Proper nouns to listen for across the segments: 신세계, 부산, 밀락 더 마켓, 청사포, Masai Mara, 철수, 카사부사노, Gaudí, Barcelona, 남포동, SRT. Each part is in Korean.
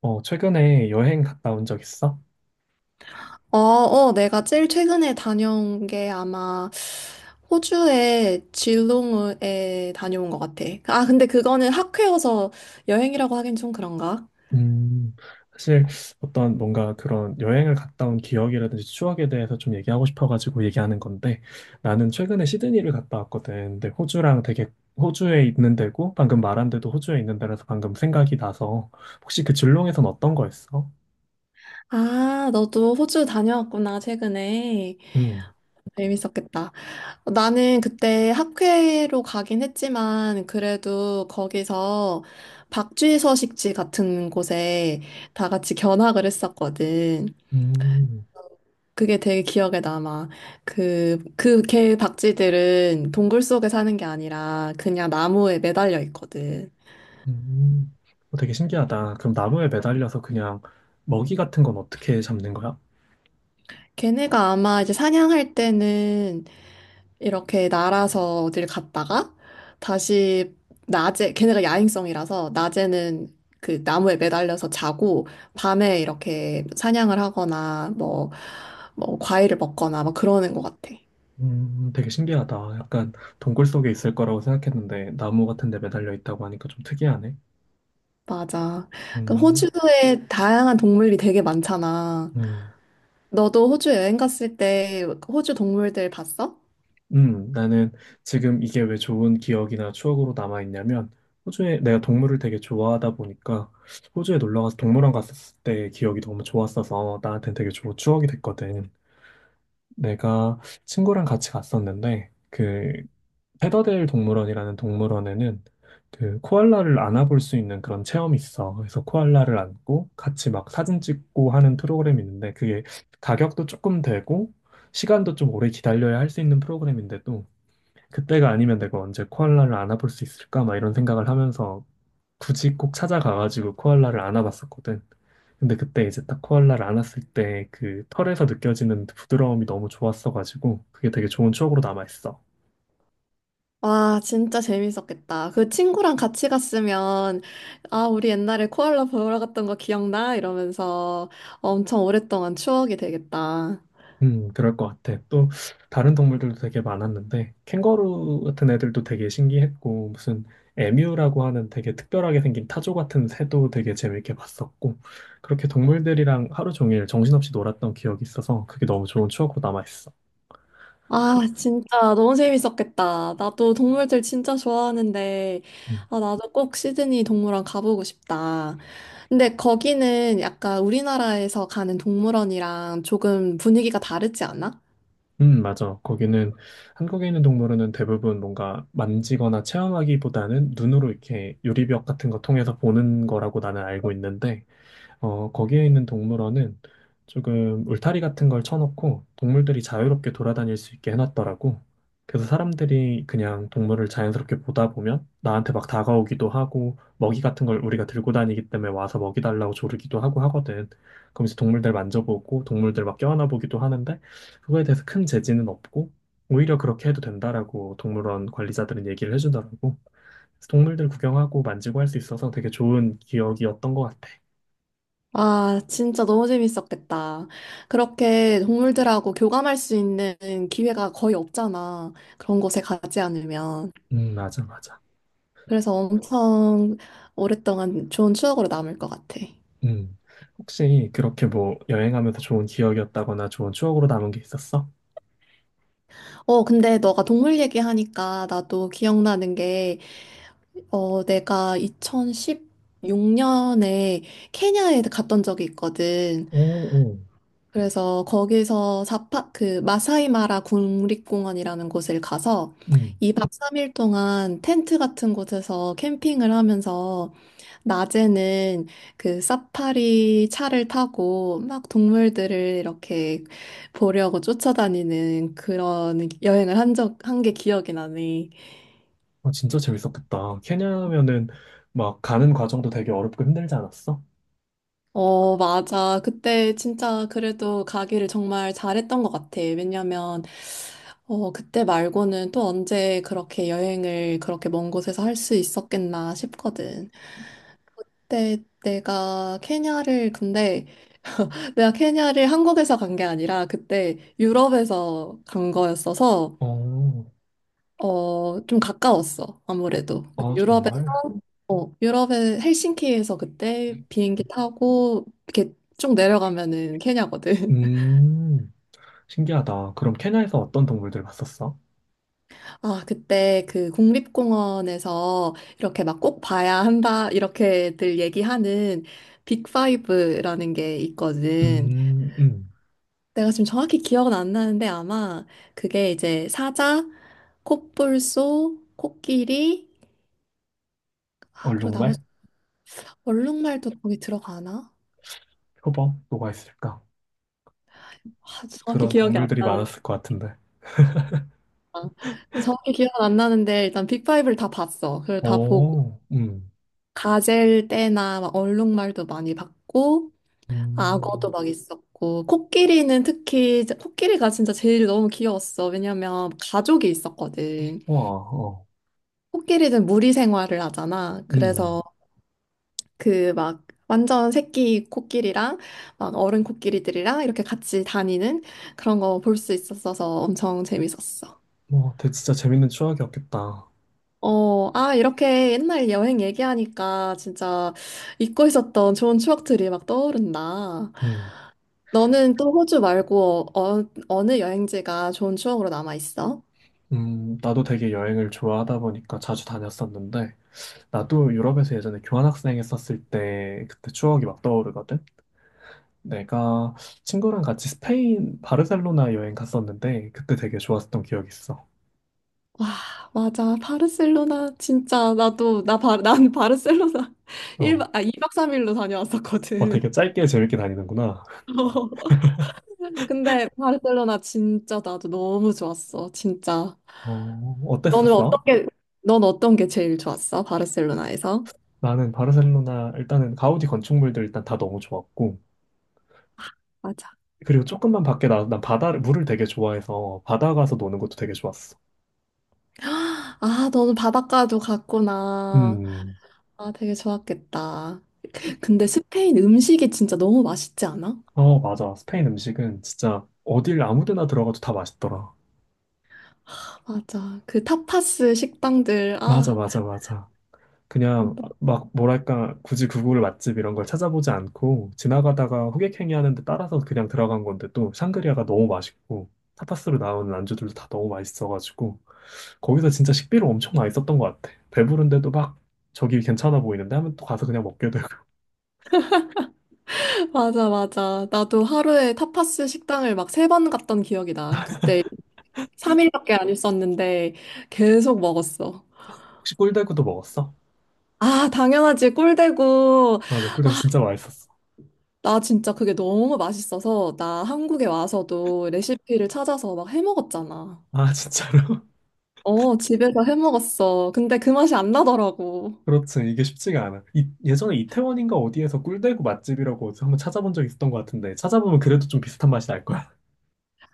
최근에 여행 갔다 온 적 있어? 내가 제일 최근에 다녀온 게 아마 호주의 질롱에 다녀온 것 같아. 아, 근데 그거는 학회여서 여행이라고 하긴 좀 그런가? 음, 사실 어떤 뭔가 그런 여행을 갔다 온 기억이라든지 추억에 대해서 좀 얘기하고 싶어가지고 얘기하는 건데 나는 최근에 시드니를 갔다 왔거든. 근데 호주랑 되게 호주에 있는 데고 방금 말한 데도 호주에 있는 데라서 방금 생각이 나서 혹시 그 줄롱에선 어떤 거였어? 아, 너도 호주 다녀왔구나, 최근에. 음, 재밌었겠다. 나는 그때 학회로 가긴 했지만, 그래도 거기서 박쥐 서식지 같은 곳에 다 같이 견학을 했었거든. 음, 그게 되게 기억에 남아. 그 개 박쥐들은 동굴 속에 사는 게 아니라 그냥 나무에 매달려 있거든. 음. 어, 되게 신기하다. 그럼 나무에 매달려서 그냥 먹이 같은 건 어떻게 잡는 거야? 걔네가 아마 이제 사냥할 때는 이렇게 날아서 어딜 갔다가 다시 낮에, 걔네가 야행성이라서 낮에는 그 나무에 매달려서 자고 밤에 이렇게 사냥을 하거나 뭐 과일을 먹거나 막 그러는 것 같아. 되게 신기하다. 약간 동굴 속에 있을 거라고 생각했는데 나무 같은 데 매달려 있다고 하니까 좀 특이하네. 맞아. 그럼 음, 호주에 다양한 동물이 되게 많잖아. 음, 너도 호주 여행 갔을 때 호주 동물들 봤어? 나는 지금 이게 왜 좋은 기억이나 추억으로 남아 있냐면 호주에 내가 동물을 되게 좋아하다 보니까 호주에 놀러 가서 동물원 갔었을 때 기억이 너무 좋았어서 나한테 되게 좋은 추억이 됐거든. 내가 친구랑 같이 갔었는데 그 페더델 동물원이라는 동물원에는 그 코알라를 안아볼 수 있는 그런 체험이 있어. 그래서 코알라를 안고 같이 막 사진 찍고 하는 프로그램이 있는데 그게 가격도 조금 되고 시간도 좀 오래 기다려야 할 수 있는 프로그램인데도 그때가 아니면 내가 언제 코알라를 안아볼 수 있을까? 막 이런 생각을 하면서 굳이 꼭 찾아가가지고 코알라를 안아봤었거든. 근데 그때 이제 딱 코알라를 안았을 때 그 털에서 느껴지는 부드러움이 너무 좋았어가지고 그게 되게 좋은 추억으로 남아있어. 와, 진짜 재밌었겠다. 그 친구랑 같이 갔으면, 아, 우리 옛날에 코알라 보러 갔던 거 기억나? 이러면서 엄청 오랫동안 추억이 되겠다. 그럴 것 같아. 또 다른 동물들도 되게 많았는데 캥거루 같은 애들도 되게 신기했고 무슨 에뮤라고 하는 되게 특별하게 생긴 타조 같은 새도 되게 재밌게 봤었고 그렇게 동물들이랑 하루 종일 정신없이 놀았던 기억이 있어서 그게 너무 좋은 추억으로 남아있어. 아, 진짜 너무 재밌었겠다. 나도 동물들 진짜 좋아하는데, 음, 아, 나도 꼭 시드니 동물원 가보고 싶다. 근데 거기는 약간 우리나라에서 가는 동물원이랑 조금 분위기가 다르지 않아? 맞아. 거기는 한국에 있는 동물원은 대부분 뭔가 만지거나 체험하기보다는 눈으로 이렇게 유리벽 같은 거 통해서 보는 거라고 나는 알고 있는데 거기에 있는 동물원은 조금 울타리 같은 걸 쳐놓고 동물들이 자유롭게 돌아다닐 수 있게 해놨더라고. 그래서 사람들이 그냥 동물을 자연스럽게 보다 보면 나한테 막 다가오기도 하고 먹이 같은 걸 우리가 들고 다니기 때문에 와서 먹이 달라고 조르기도 하고 하거든. 그러면서 동물들 만져보고 동물들 막 껴안아 보기도 하는데 그거에 대해서 큰 제지는 없고 오히려 그렇게 해도 된다라고 동물원 관리자들은 얘기를 해주더라고. 그래서 동물들 구경하고 만지고 할 수 있어서 되게 좋은 기억이었던 것 같아. 아, 진짜 너무 재밌었겠다. 그렇게 동물들하고 교감할 수 있는 기회가 거의 없잖아. 그런 곳에 가지 않으면. 맞아, 맞아. 그래서 엄청 오랫동안 좋은 추억으로 남을 것 같아. 음. 혹시 그렇게 뭐 여행하면서 좋은 기억이었다거나 좋은 추억으로 남은 게 있었어? 근데 너가 동물 얘기하니까 나도 기억나는 게, 내가 2016년에 케냐에 갔던 적이 있거든. 오, 오. 그래서 거기서 그 마사이마라 국립공원이라는 곳을 가서 음. 이박 3일 동안 텐트 같은 곳에서 캠핑을 하면서 낮에는 그 사파리 차를 타고 막 동물들을 이렇게 보려고 쫓아다니는 그런 여행을 한 게 기억이 나네. 아, 진짜 재밌었겠다. 케냐면은 막 가는 과정도 되게 어렵고 힘들지 않았어? 어, 맞아. 그때 진짜 그래도 가기를 정말 잘했던 것 같아. 왜냐면, 그때 말고는 또 언제 그렇게 여행을 그렇게 먼 곳에서 할 수 있었겠나 싶거든. 근데 내가 케냐를 한국에서 간 게 아니라 그때 유럽에서 간 거였어서 어, 좀 가까웠어, 어, 아무래도. 아, 정말? 어, 유럽의 헬싱키에서 그때 비행기 타고 이렇게 쭉 내려가면은 케냐거든. 음, 신기하다. 그럼 케냐에서 어떤 동물들 봤었어? 아, 그때 그 국립공원에서 이렇게 막 꼭 봐야 한다, 이렇게들 얘기하는 빅파이브라는 게 있거든. 음, 음. 내가 지금 정확히 기억은 안 나는데 아마 그게 이제 사자, 콧불소, 코끼리, 아, 그리고 얼룩말? 나머지 얼룩말도 거기 들어가나? 표범? 뭐가 있을까? 아, 정확히 그런 기억이 안 동물들이 나는데. 많았을 것 같은데. 정확히 기억은 안 나는데, 일단 빅파이브를 다 봤어. 그걸 다 보고, 오, 가젤 때나 막 얼룩말도 많이 봤고, 악어도 음. 막 있었고, 코끼리는 특히, 코끼리가 진짜 제일 너무 귀여웠어. 왜냐면 가족이 있었거든. 와, 어. 코끼리는 무리 생활을 하잖아. 그래서 음, 그 막, 완전 새끼 코끼리랑 막 어른 코끼리들이랑 이렇게 같이 다니는 그런 거 볼 수 있었어서 엄청 재밌었어. 뭐, 되게 진짜 재밌는 추억이었겠다. 이렇게 옛날 여행 얘기하니까 진짜 잊고 있었던 좋은 추억들이 막 떠오른다. 음, 너는 또 호주 말고 어느 여행지가 좋은 추억으로 남아 있어? 나도 되게 여행을 좋아하다 보니까 자주 다녔었는데, 나도 유럽에서 예전에 교환학생 했었을 때, 그때 추억이 막 떠오르거든? 내가 친구랑 같이 스페인 바르셀로나 여행 갔었는데, 그때 되게 좋았었던 기억이 있어. 와, 맞아. 바르셀로나 진짜 난 바르셀로나 일 어, 박아 2박 3일로 어, 다녀왔었거든. 되게 짧게 재밌게 다니는구나. 근데 바르셀로나 진짜 나도 너무 좋았어. 진짜. 어, 너는 어떤 어땠었어? 게, 넌 어떤 게 제일 좋았어? 바르셀로나에서? 나는 바르셀로나, 일단은 가우디 건축물들 일단 다 너무 좋았고, 그리고 조금만 밖에 나난 바다를 물을 되게 좋아해서 바다 가서 노는 것도 되게 좋았어. 아, 너는 바닷가도 갔구나. 음, 아, 되게 좋았겠다. 근데 스페인 음식이 진짜 너무 맛있지 않아? 어, 맞아. 스페인 음식은 진짜 어딜 아무 데나 들어가도 다 맛있더라. 맞아. 그 타파스 식당들. 맞아, 아, 맞아, 맞아. 그냥 막 뭐랄까, 굳이 구글 맛집 이런 걸 찾아보지 않고 지나가다가 호객행위 하는데 따라서 그냥 들어간 건데 또 샹그리아가 너무 맛있고 타파스로 나오는 안주들도 다 너무 맛있어가지고 거기서 진짜 식비를 엄청 많이 썼던 것 같아. 배부른데도 막 저기 괜찮아 보이는데 하면 또 가서 그냥 먹게 되고. 맞아, 맞아. 나도 하루에 타파스 식당을 막 세 번 갔던 기억이 나. 그때 3일밖에 안 있었는데 계속 먹었어. 혹시 꿀대구도 먹었어? 아, 당연하지. 꿀대고. 맞아, 꿀대구 진짜 맛있었어. 나 진짜 그게 너무 맛있어서 나 한국에 와서도 레시피를 찾아서 막 해먹었잖아. 아, 진짜로? 어, 집에서 해 먹었어. 근데 그 맛이 안 나더라고. 그렇지. 이게 쉽지가 않아. 이, 예전에 이태원인가 어디에서 꿀대구 맛집이라고 어디서 한번 찾아본 적 있었던 것 같은데, 찾아보면 그래도 좀 비슷한 맛이 날 거야.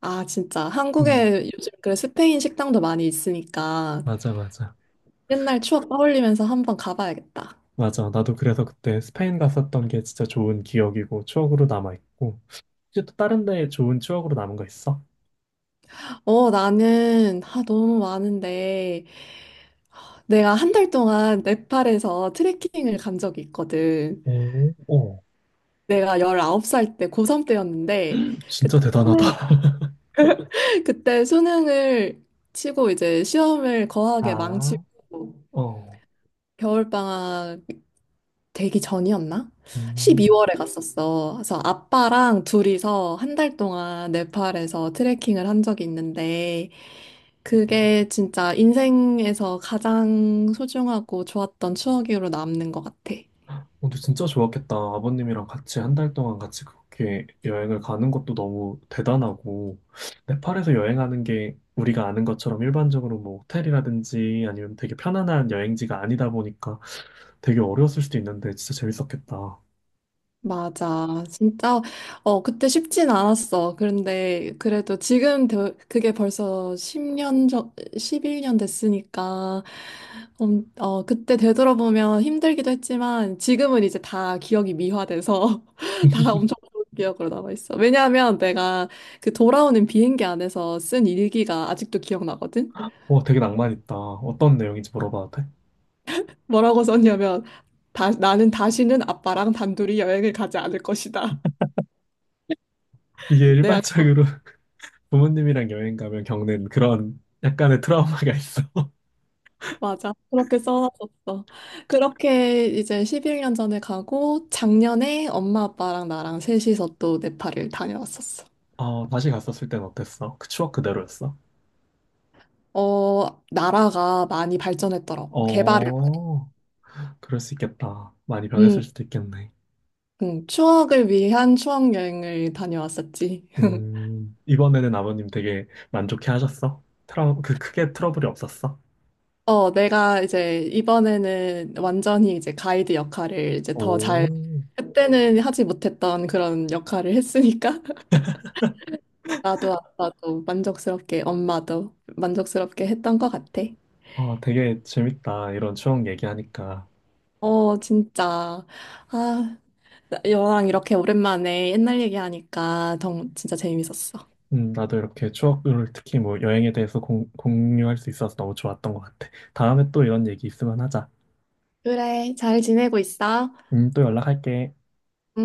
아, 진짜. 음, 한국에 요즘 그래 스페인 식당도 많이 있으니까 맞아, 맞아. 옛날 추억 떠올리면서 한번 가봐야겠다. 맞아. 나도 그래서 그때 스페인 갔었던 게 진짜 좋은 기억이고, 추억으로 남아있고. 혹시 또 다른 데 좋은 추억으로 남은 거 있어? 어, 나는 아, 너무 많은데 내가 한 달 동안 네팔에서 트레킹을 간 적이 있거든. 오, 오. 내가 19살 때 고3 때였는데 진짜 그때 수능, 대단하다. 그때 수능을 치고 이제 시험을 거하게 아, 망치고 어. 겨울방학 되기 전이었나? 음. 12월에 갔었어. 그래서 아빠랑 둘이서 한 달 동안 네팔에서 트레킹을 한 적이 있는데, 그게 진짜 인생에서 가장 소중하고 좋았던 추억으로 남는 것 같아. 근데 진짜 좋았겠다. 아버님이랑 같이 한 달 동안 같이 그렇게 여행을 가는 것도 너무 대단하고, 네팔에서 여행하는 게 우리가 아는 것처럼 일반적으로 뭐 호텔이라든지 아니면 되게 편안한 여행지가 아니다 보니까 되게 어려웠을 수도 있는데 진짜 재밌었겠다. 맞아. 진짜, 어, 그때 쉽진 않았어. 그런데 그래도 그게 벌써 10년 전, 11년 됐으니까, 그때 되돌아보면 힘들기도 했지만, 지금은 이제 다 기억이 미화돼서 다 엄청 좋은 기억으로 남아있어. 왜냐하면 내가 그 돌아오는 비행기 안에서 쓴 일기가 아직도 기억나거든? 와, 되게 낭만 있다. 어떤 내용인지 물어봐도 돼? 뭐라고 썼냐면, 다, 나는 다시는 아빠랑 단둘이 여행을 가지 않을 것이다. 이게 내가 일반적으로 부모님이랑 여행 가면 겪는 그런 약간의 트라우마가 있어. 맞아. 그렇게 써놨었어. 그렇게 이제 11년 전에 가고 작년에 엄마 아빠랑 나랑 셋이서 또 네팔을 다녀왔었어. 어, 다시 갔었을 땐 어땠어? 그 추억 그대로였어? 어, 나라가 많이 발전했더라고. 개발을. 어. 그럴 수 있겠다. 많이 음, 변했을 수도 있겠네. 추억을 위한 추억 여행을 다녀왔었지. 이번에는 아버님 되게 만족해 하셨어? 그 크게 트러블이 없었어? 어, 내가 이제 이번에는 완전히 이제 가이드 역할을 오, 그때는 하지 못했던 그런 역할을 했으니까 나도 아빠도 만족스럽게 엄마도 만족스럽게 했던 것 같아. 아, 되게 재밌다. 이런 추억 얘기하니까. 어, 진짜. 아, 너랑 이렇게 오랜만에 옛날 얘기하니까 진짜 재밌었어. 나도 이렇게 추억을 특히 뭐 여행에 대해서 공유할 수 있어서 너무 좋았던 것 같아. 다음에 또 이런 얘기 있으면 하자. 그래, 잘 지내고 있어? 또 연락할게. 응?